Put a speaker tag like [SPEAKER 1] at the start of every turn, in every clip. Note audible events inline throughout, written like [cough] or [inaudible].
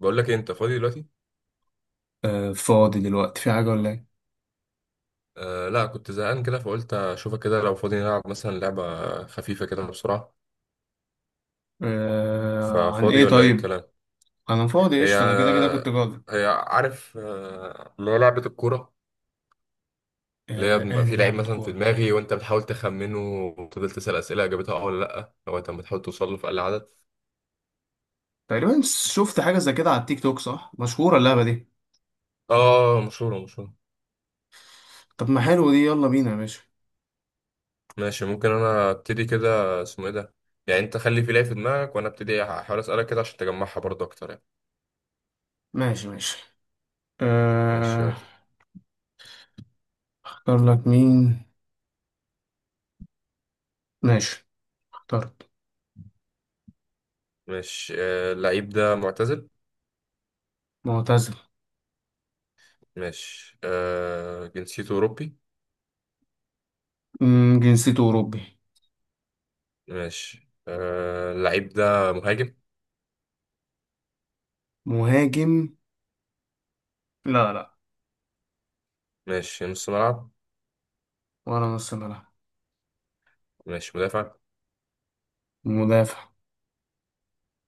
[SPEAKER 1] بقول لك إيه، انت فاضي دلوقتي؟
[SPEAKER 2] آه، فاضي دلوقتي في حاجة ولا ايه؟
[SPEAKER 1] آه لا، كنت زهقان كده فقلت اشوفك كده لو فاضي نلعب مثلا لعبة خفيفة كده بسرعة.
[SPEAKER 2] آه، عن
[SPEAKER 1] ففاضي
[SPEAKER 2] ايه
[SPEAKER 1] ولا ايه
[SPEAKER 2] طيب؟
[SPEAKER 1] الكلام؟
[SPEAKER 2] انا فاضي
[SPEAKER 1] هي
[SPEAKER 2] قشطة. انا كده كده كنت جاضي.
[SPEAKER 1] هي عارف، اللي هي لعبة الكورة، اللي هي
[SPEAKER 2] آه،
[SPEAKER 1] بيبقى
[SPEAKER 2] انا
[SPEAKER 1] فيه لعيب
[SPEAKER 2] لعبة
[SPEAKER 1] مثلا في
[SPEAKER 2] كورة
[SPEAKER 1] دماغي وانت بتحاول تخمنه، وتفضل تسأل أسئلة اجابتها اه ولا لا لغاية اما تحاول توصل له في اقل عدد.
[SPEAKER 2] تقريبا. شفت حاجة زي كده على التيك توك صح؟ مشهورة اللعبة دي.
[SPEAKER 1] اه، مشهورة مشهورة.
[SPEAKER 2] طب ما حلو دي، يلا بينا يا باشا.
[SPEAKER 1] ماشي، ممكن انا ابتدي، كده اسمه ايه ده، يعني انت خلي في لعيب في دماغك وانا ابتدي احاول اسألك كده عشان تجمعها برضه اكتر يعني.
[SPEAKER 2] ماشي.
[SPEAKER 1] ماشي، يلا.
[SPEAKER 2] آه، اختار لك مين؟ ماشي، اخترت.
[SPEAKER 1] ماشي، آه، اللعيب ده معتزل.
[SPEAKER 2] معتزل.
[SPEAKER 1] ماشي، آه، جنسيته أوروبي.
[SPEAKER 2] مم، جنسيته أوروبي.
[SPEAKER 1] ماشي، آه، اللعيب ده مهاجم.
[SPEAKER 2] مهاجم؟ لا لا.
[SPEAKER 1] ماشي، نص ملعب.
[SPEAKER 2] ولا نص ملعب.
[SPEAKER 1] ماشي، مدافع.
[SPEAKER 2] مدافع؟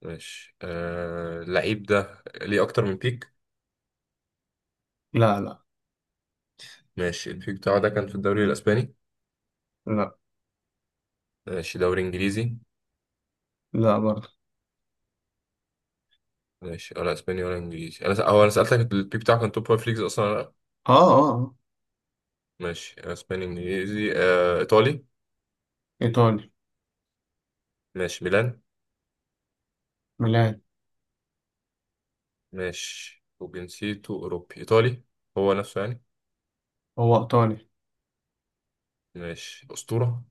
[SPEAKER 1] ماشي، آه، اللعيب ده ليه أكتر من بيك.
[SPEAKER 2] لا لا.
[SPEAKER 1] ماشي، البيك بتاعه ده كان في الدوري الأسباني.
[SPEAKER 2] لا
[SPEAKER 1] ماشي، دوري إنجليزي.
[SPEAKER 2] لا برضه.
[SPEAKER 1] ماشي، ولا أسباني ولا إنجليزي. هو أنا سألتك البيك بتاعه كان توب فايف ليجز أصلا ولا لأ.
[SPEAKER 2] اه اه آه.
[SPEAKER 1] ماشي، أسباني إنجليزي آه إيطالي.
[SPEAKER 2] ايطالي.
[SPEAKER 1] ماشي، ميلان.
[SPEAKER 2] ميلان.
[SPEAKER 1] ماشي، وجنسيته أوروبي إيطالي، هو نفسه يعني.
[SPEAKER 2] هو ايطالي.
[SPEAKER 1] ماشي، أسطورة.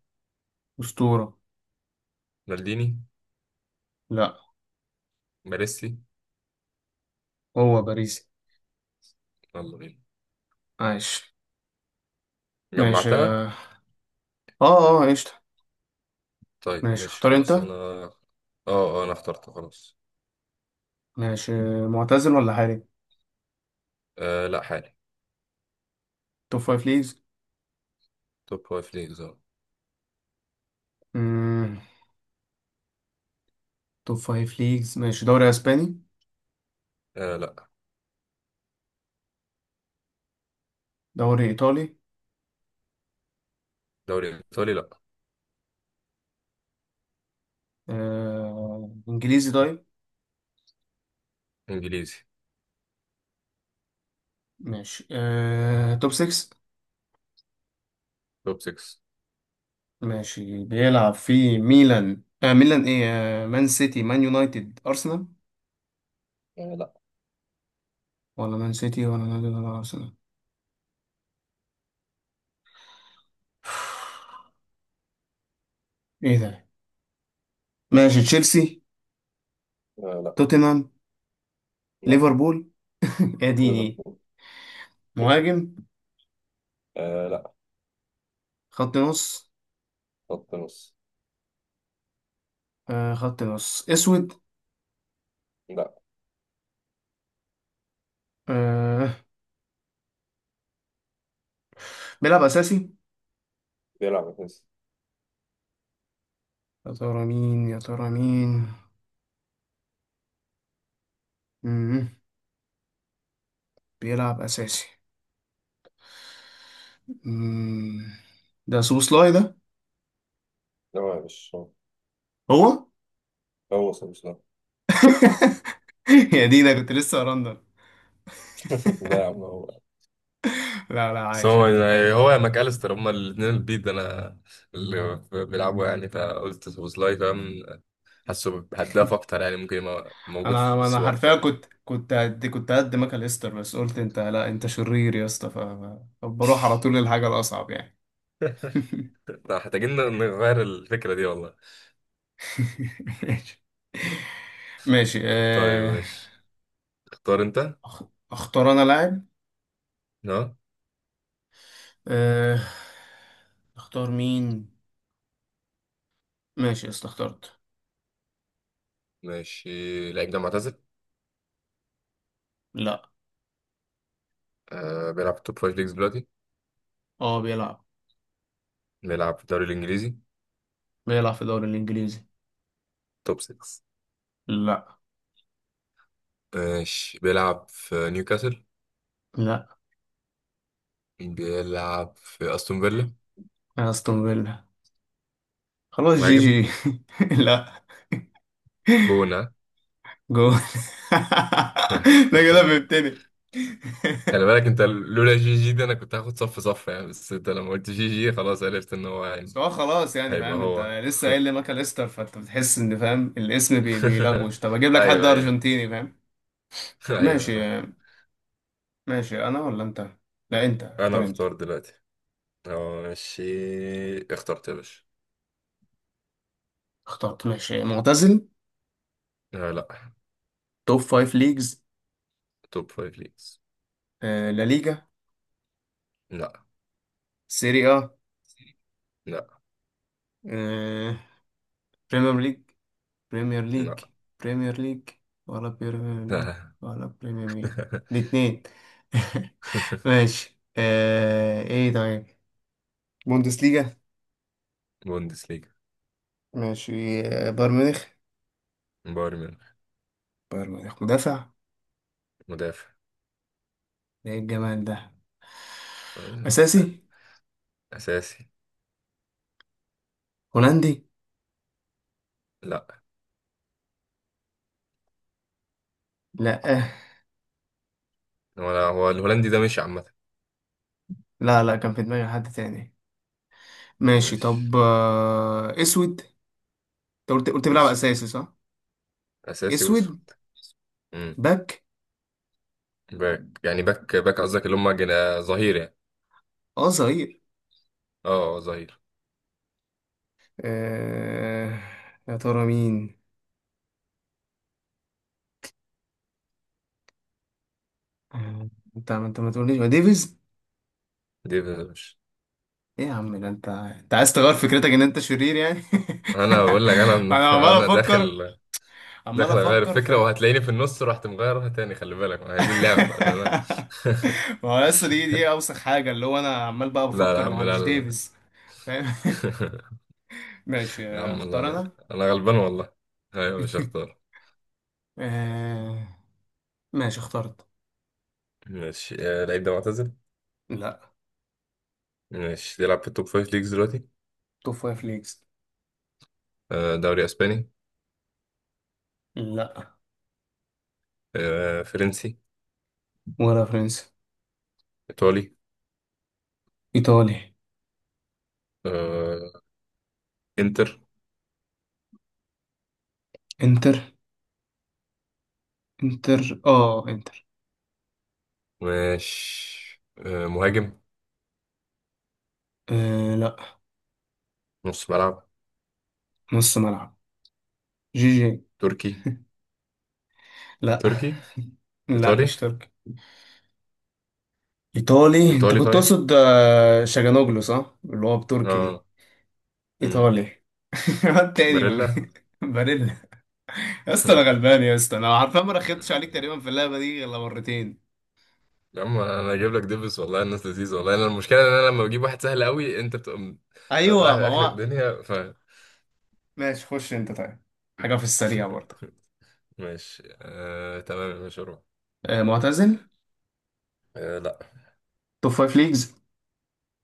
[SPEAKER 2] أسطورة؟
[SPEAKER 1] مالديني.
[SPEAKER 2] لا،
[SPEAKER 1] باريسي.
[SPEAKER 2] هو باريسي.
[SPEAKER 1] يلا بينا.
[SPEAKER 2] عايش. ماشي
[SPEAKER 1] جمعتها.
[SPEAKER 2] اه اه آه، قشطة.
[SPEAKER 1] طيب
[SPEAKER 2] ماشي،
[SPEAKER 1] ماشي
[SPEAKER 2] اختار
[SPEAKER 1] خلاص،
[SPEAKER 2] انت.
[SPEAKER 1] انا اه. اه، انا اخترت خلاص.
[SPEAKER 2] ماشي. معتزل ولا حالي؟
[SPEAKER 1] آه لا، حالي.
[SPEAKER 2] توب فايف ليجز.
[SPEAKER 1] توب فايف ليجز، اه.
[SPEAKER 2] مم. توب فايف ليجز. ماشي، دوري اسباني؟
[SPEAKER 1] آه، لا.
[SPEAKER 2] دوري ايطالي؟
[SPEAKER 1] دوري ايطالي، لا.
[SPEAKER 2] آه. انجليزي طيب.
[SPEAKER 1] انجليزي،
[SPEAKER 2] ماشي آه. توب 6.
[SPEAKER 1] توب 6.
[SPEAKER 2] ماشي، بيلعب في ميلان؟ آه، ميلان ايه؟ آه. مان سيتي، مان يونايتد، ارسنال؟
[SPEAKER 1] آه، لا.
[SPEAKER 2] ولا مان سيتي ولا يونايتد ولا ارسنال. [sighs] ايه ده؟ ماشي، تشيلسي؟
[SPEAKER 1] آه لا،
[SPEAKER 2] توتنهام؟
[SPEAKER 1] لا،
[SPEAKER 2] ليفربول. [laughs] اديني.
[SPEAKER 1] ليفربول.
[SPEAKER 2] مهاجم؟
[SPEAKER 1] آه، لا.
[SPEAKER 2] خط نص؟
[SPEAKER 1] خط نص.
[SPEAKER 2] آه خط نص اسود.
[SPEAKER 1] لا.
[SPEAKER 2] آه. بيلعب اساسي؟
[SPEAKER 1] بيلعب اساسي.
[SPEAKER 2] يا ترى مين، يا ترى مين. مم. بيلعب اساسي. مم. ده سوبوسلاي ده.
[SPEAKER 1] لا، هو مش هو.
[SPEAKER 2] هو.
[SPEAKER 1] هو مش، لا.
[SPEAKER 2] [laughs] يا دي ده، كنت لسه ارندر.
[SPEAKER 1] [laughs] ده يا عم [laughs] هو.
[SPEAKER 2] لا لا،
[SPEAKER 1] بس
[SPEAKER 2] عايش
[SPEAKER 1] هو.
[SPEAKER 2] عايش، حلو.
[SPEAKER 1] هو يا ماكاليستر، هما الاثنين البيض انا اللي بيلعبوا يعني، فقلت سوبوسلاي، فاهم، حاسه هداف اكتر يعني، ممكن يبقى موجود في
[SPEAKER 2] انا انا
[SPEAKER 1] السوق
[SPEAKER 2] حرفيا
[SPEAKER 1] اكتر يعني.
[SPEAKER 2] كنت قد ماكل استر، بس قلت انت لا، انت شرير يا اسطى. ف- ف- فبروح على طول للحاجه الاصعب يعني.
[SPEAKER 1] [laughs] محتاجين نغير الفكرة دي والله.
[SPEAKER 2] [laughs] ماشي. ماشي
[SPEAKER 1] طيب
[SPEAKER 2] آه.
[SPEAKER 1] ماشي، اختار انت.
[SPEAKER 2] أخ- اختار انا لاعب.
[SPEAKER 1] اه.
[SPEAKER 2] أه... اختار مين. ماشي يا اسطى، اخترت.
[SPEAKER 1] ماشي، لعيب ده معتزل.
[SPEAKER 2] لا.
[SPEAKER 1] آه، بيلعب في توب فايف ليجز دلوقتي.
[SPEAKER 2] اه بيلعب.
[SPEAKER 1] بيلعب في الدوري الإنجليزي.
[SPEAKER 2] بيلعب في الدوري الانجليزي.
[SPEAKER 1] توب 6.
[SPEAKER 2] لا.
[SPEAKER 1] ماشي، بيلعب في نيوكاسل.
[SPEAKER 2] لا.
[SPEAKER 1] بيلعب في أستون فيلا.
[SPEAKER 2] استون فيلا. خلاص، جي
[SPEAKER 1] مهاجم.
[SPEAKER 2] جي. [laughs] لا.
[SPEAKER 1] جونة.
[SPEAKER 2] جول. [laughs] ده كده
[SPEAKER 1] [laughs]
[SPEAKER 2] فهمتني. [laughs]
[SPEAKER 1] خلي بالك، انت لولا جي جي دي انا كنت هاخد صف صف يعني، بس انت لما قلت جي جي خلاص عرفت ان هو يعني
[SPEAKER 2] بس هو خلاص يعني
[SPEAKER 1] هيبقى
[SPEAKER 2] فاهم،
[SPEAKER 1] هو.
[SPEAKER 2] انت لسه قايل لي ماكاليستر، فانت بتحس ان فاهم الاسم بي
[SPEAKER 1] [laughs]
[SPEAKER 2] بيلغوش. طب اجيب لك حد
[SPEAKER 1] ايوه، ايوه.
[SPEAKER 2] ارجنتيني فاهم.
[SPEAKER 1] [laughs]
[SPEAKER 2] ماشي.
[SPEAKER 1] ايوه.
[SPEAKER 2] ماشي انا ولا انت؟ لا انت،
[SPEAKER 1] انا
[SPEAKER 2] اختار انت.
[SPEAKER 1] اختار دلوقتي. ماشي، اخترت يا باشا.
[SPEAKER 2] اخترت. ماشي. معتزل؟
[SPEAKER 1] آه، لا.
[SPEAKER 2] توب فايف ليجز؟
[SPEAKER 1] توب فايف ليجز.
[SPEAKER 2] آه لا ليجا.
[SPEAKER 1] لا.
[SPEAKER 2] سيري اه.
[SPEAKER 1] لا.
[SPEAKER 2] آه، بريمير ليج. بريمير ليج.
[SPEAKER 1] لا.
[SPEAKER 2] بريمير ليج. ولا بريمير ليج.
[SPEAKER 1] لا.
[SPEAKER 2] ولا بريمير ليج. الاتنين. [laughs]
[SPEAKER 1] [laughs]
[SPEAKER 2] ماشي آه. ايه طيب؟ بوندس ليجا.
[SPEAKER 1] بوندس ليجا.
[SPEAKER 2] ماشي. آه، بايرن ميونخ.
[SPEAKER 1] بايرن ميونخ.
[SPEAKER 2] بايرن ميونخ. مدافع؟
[SPEAKER 1] مدافع.
[SPEAKER 2] ده ايه الجمال ده.
[SPEAKER 1] آه،
[SPEAKER 2] اساسي.
[SPEAKER 1] اساسي.
[SPEAKER 2] هولندي؟
[SPEAKER 1] لا
[SPEAKER 2] لا. آه.
[SPEAKER 1] لا هو الهولندي ده مش عامة.
[SPEAKER 2] لا لا، كان في دماغي حد تاني. ماشي.
[SPEAKER 1] مش.
[SPEAKER 2] طب آه، اسود. انت قلت بيلعب
[SPEAKER 1] اسود.
[SPEAKER 2] اساسي صح؟
[SPEAKER 1] اساسي
[SPEAKER 2] اسود.
[SPEAKER 1] واسود. امم.
[SPEAKER 2] باك.
[SPEAKER 1] باك يعني، باك باك قصدك اللي هم ظهير يعني.
[SPEAKER 2] اه صغير.
[SPEAKER 1] اه، آه، ظهير.
[SPEAKER 2] آه. يا ترى مين. آه، انت ما تقوليش ما ديفيز.
[SPEAKER 1] دي مش.
[SPEAKER 2] ايه يا عم ده، انت انت عايز تغير فكرتك ان انت شرير يعني.
[SPEAKER 1] انا بقول لك
[SPEAKER 2] [laughs]
[SPEAKER 1] انا
[SPEAKER 2] انا عمال
[SPEAKER 1] [laughs] انا
[SPEAKER 2] افكر.
[SPEAKER 1] داخل.
[SPEAKER 2] عمال
[SPEAKER 1] داخل اغير
[SPEAKER 2] افكر
[SPEAKER 1] الفكره
[SPEAKER 2] فاهم.
[SPEAKER 1] وهتلاقيني في النص رحت مغيرها تاني، خلي بالك ما هي دي اللعبه بقى. لا.
[SPEAKER 2] [laughs] ما هو لسه دي اوسخ حاجه، اللي هو انا عمال بقى
[SPEAKER 1] [laughs] لا، لا، لا. يا
[SPEAKER 2] بفكر ما
[SPEAKER 1] عم
[SPEAKER 2] هو
[SPEAKER 1] لا،
[SPEAKER 2] مش
[SPEAKER 1] لا، لا.
[SPEAKER 2] ديفيز، فاهم. [laughs] ماشي
[SPEAKER 1] [laughs] يا
[SPEAKER 2] آه،
[SPEAKER 1] عم الله،
[SPEAKER 2] اختار
[SPEAKER 1] لا.
[SPEAKER 2] انا.
[SPEAKER 1] انا غلبان والله. ايوه، مش
[SPEAKER 2] [laughs]
[SPEAKER 1] هختار.
[SPEAKER 2] آه... ماشي، اخترت.
[SPEAKER 1] ماشي، آه، اللعيب ده معتزل.
[SPEAKER 2] لا.
[SPEAKER 1] ماشي، بيلعب في التوب فايف ليجز دلوقتي.
[SPEAKER 2] توب فايف ليجز.
[SPEAKER 1] آه، دوري اسباني.
[SPEAKER 2] لا.
[SPEAKER 1] آه، فرنسي.
[SPEAKER 2] ولا فرنسا.
[SPEAKER 1] ايطالي.
[SPEAKER 2] ايطالي.
[SPEAKER 1] آه، انتر.
[SPEAKER 2] انتر. انتر اه انتر.
[SPEAKER 1] ماشي، آه، مهاجم.
[SPEAKER 2] آه لا.
[SPEAKER 1] نص ملعب.
[SPEAKER 2] نص ملعب. جي جي.
[SPEAKER 1] تركي.
[SPEAKER 2] لا.
[SPEAKER 1] تركي.
[SPEAKER 2] لا مش
[SPEAKER 1] ايطالي.
[SPEAKER 2] تركي. ايطالي. انت
[SPEAKER 1] ايطالي
[SPEAKER 2] كنت
[SPEAKER 1] طيب.
[SPEAKER 2] تقصد آه، شاجانوجلو صح، اللي هو بتركي دي.
[SPEAKER 1] اه. مم.
[SPEAKER 2] ايطالي. [laughs] الواد تاني
[SPEAKER 1] باريلا.
[SPEAKER 2] باريلا. يا اسطى انا غلبان يا اسطى، انا عارفه ما رخيتش عليك تقريبا
[SPEAKER 1] [laughs]
[SPEAKER 2] في اللعبه دي غير مرتين.
[SPEAKER 1] يا عم انا اجيب لك ديفيس والله، الناس لذيذه والله، انا المشكله ان انا لما بجيب واحد سهل قوي انت بتبقى
[SPEAKER 2] ايوه،
[SPEAKER 1] رايح
[SPEAKER 2] ما
[SPEAKER 1] لاخر
[SPEAKER 2] هو.
[SPEAKER 1] الدنيا ف.
[SPEAKER 2] ماشي، خش انت طيب. حاجه في السريع برضه.
[SPEAKER 1] [laughs] ماشي، تمام يا باشا، روح.
[SPEAKER 2] آه، معتزل؟
[SPEAKER 1] آه... لا.
[SPEAKER 2] توب فايف ليجز.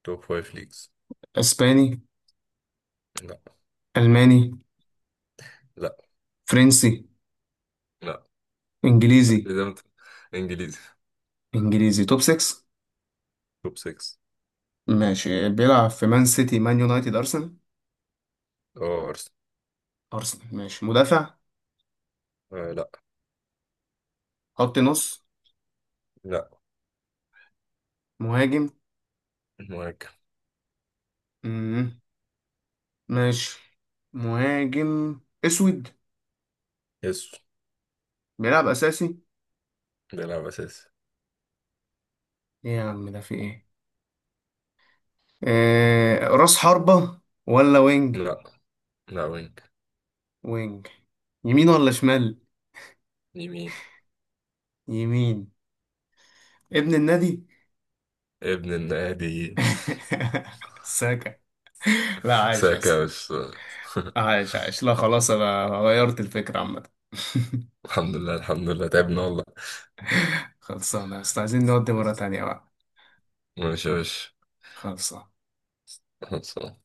[SPEAKER 1] توب فايف ليجز.
[SPEAKER 2] اسباني؟
[SPEAKER 1] لا.
[SPEAKER 2] الماني؟
[SPEAKER 1] لا.
[SPEAKER 2] فرنسي؟
[SPEAKER 1] لا.
[SPEAKER 2] انجليزي.
[SPEAKER 1] اذا انت انجليزي،
[SPEAKER 2] انجليزي توب 6.
[SPEAKER 1] توب 6.
[SPEAKER 2] ماشي، بيلعب في مان سيتي، مان يونايتد، أرسنال؟
[SPEAKER 1] اه، ارسنال.
[SPEAKER 2] أرسنال. ماشي، مدافع؟
[SPEAKER 1] آه... لا.
[SPEAKER 2] خط نص؟
[SPEAKER 1] لا.
[SPEAKER 2] مهاجم.
[SPEAKER 1] مهاجم.
[SPEAKER 2] مم. ماشي، مهاجم أسود.
[SPEAKER 1] يسو.
[SPEAKER 2] بيلعب أساسي.
[SPEAKER 1] بيلعب اساسي.
[SPEAKER 2] إيه يا عم ده في إيه. آه، راس حربة ولا وينج؟
[SPEAKER 1] لا. لا، وينج.
[SPEAKER 2] وينج. يمين ولا شمال؟
[SPEAKER 1] يمين.
[SPEAKER 2] يمين. ابن النادي.
[SPEAKER 1] ابن النادي.
[SPEAKER 2] [laughs] ساكا. لا،
[SPEAKER 1] [laughs]
[SPEAKER 2] عايش يا
[SPEAKER 1] ساكا يا
[SPEAKER 2] اسطى.
[SPEAKER 1] باشا. [laughs]
[SPEAKER 2] عايش عايش. لا خلاص، أنا غيرت الفكرة عامة.
[SPEAKER 1] الحمد لله، الحمد لله، تعبنا والله.
[SPEAKER 2] [laughs] خلصانة يا اسطى، عايزين نودي مرة تانية بقى.
[SPEAKER 1] ماشي يا باشا.
[SPEAKER 2] خلصانة.
[SPEAKER 1] خلصان.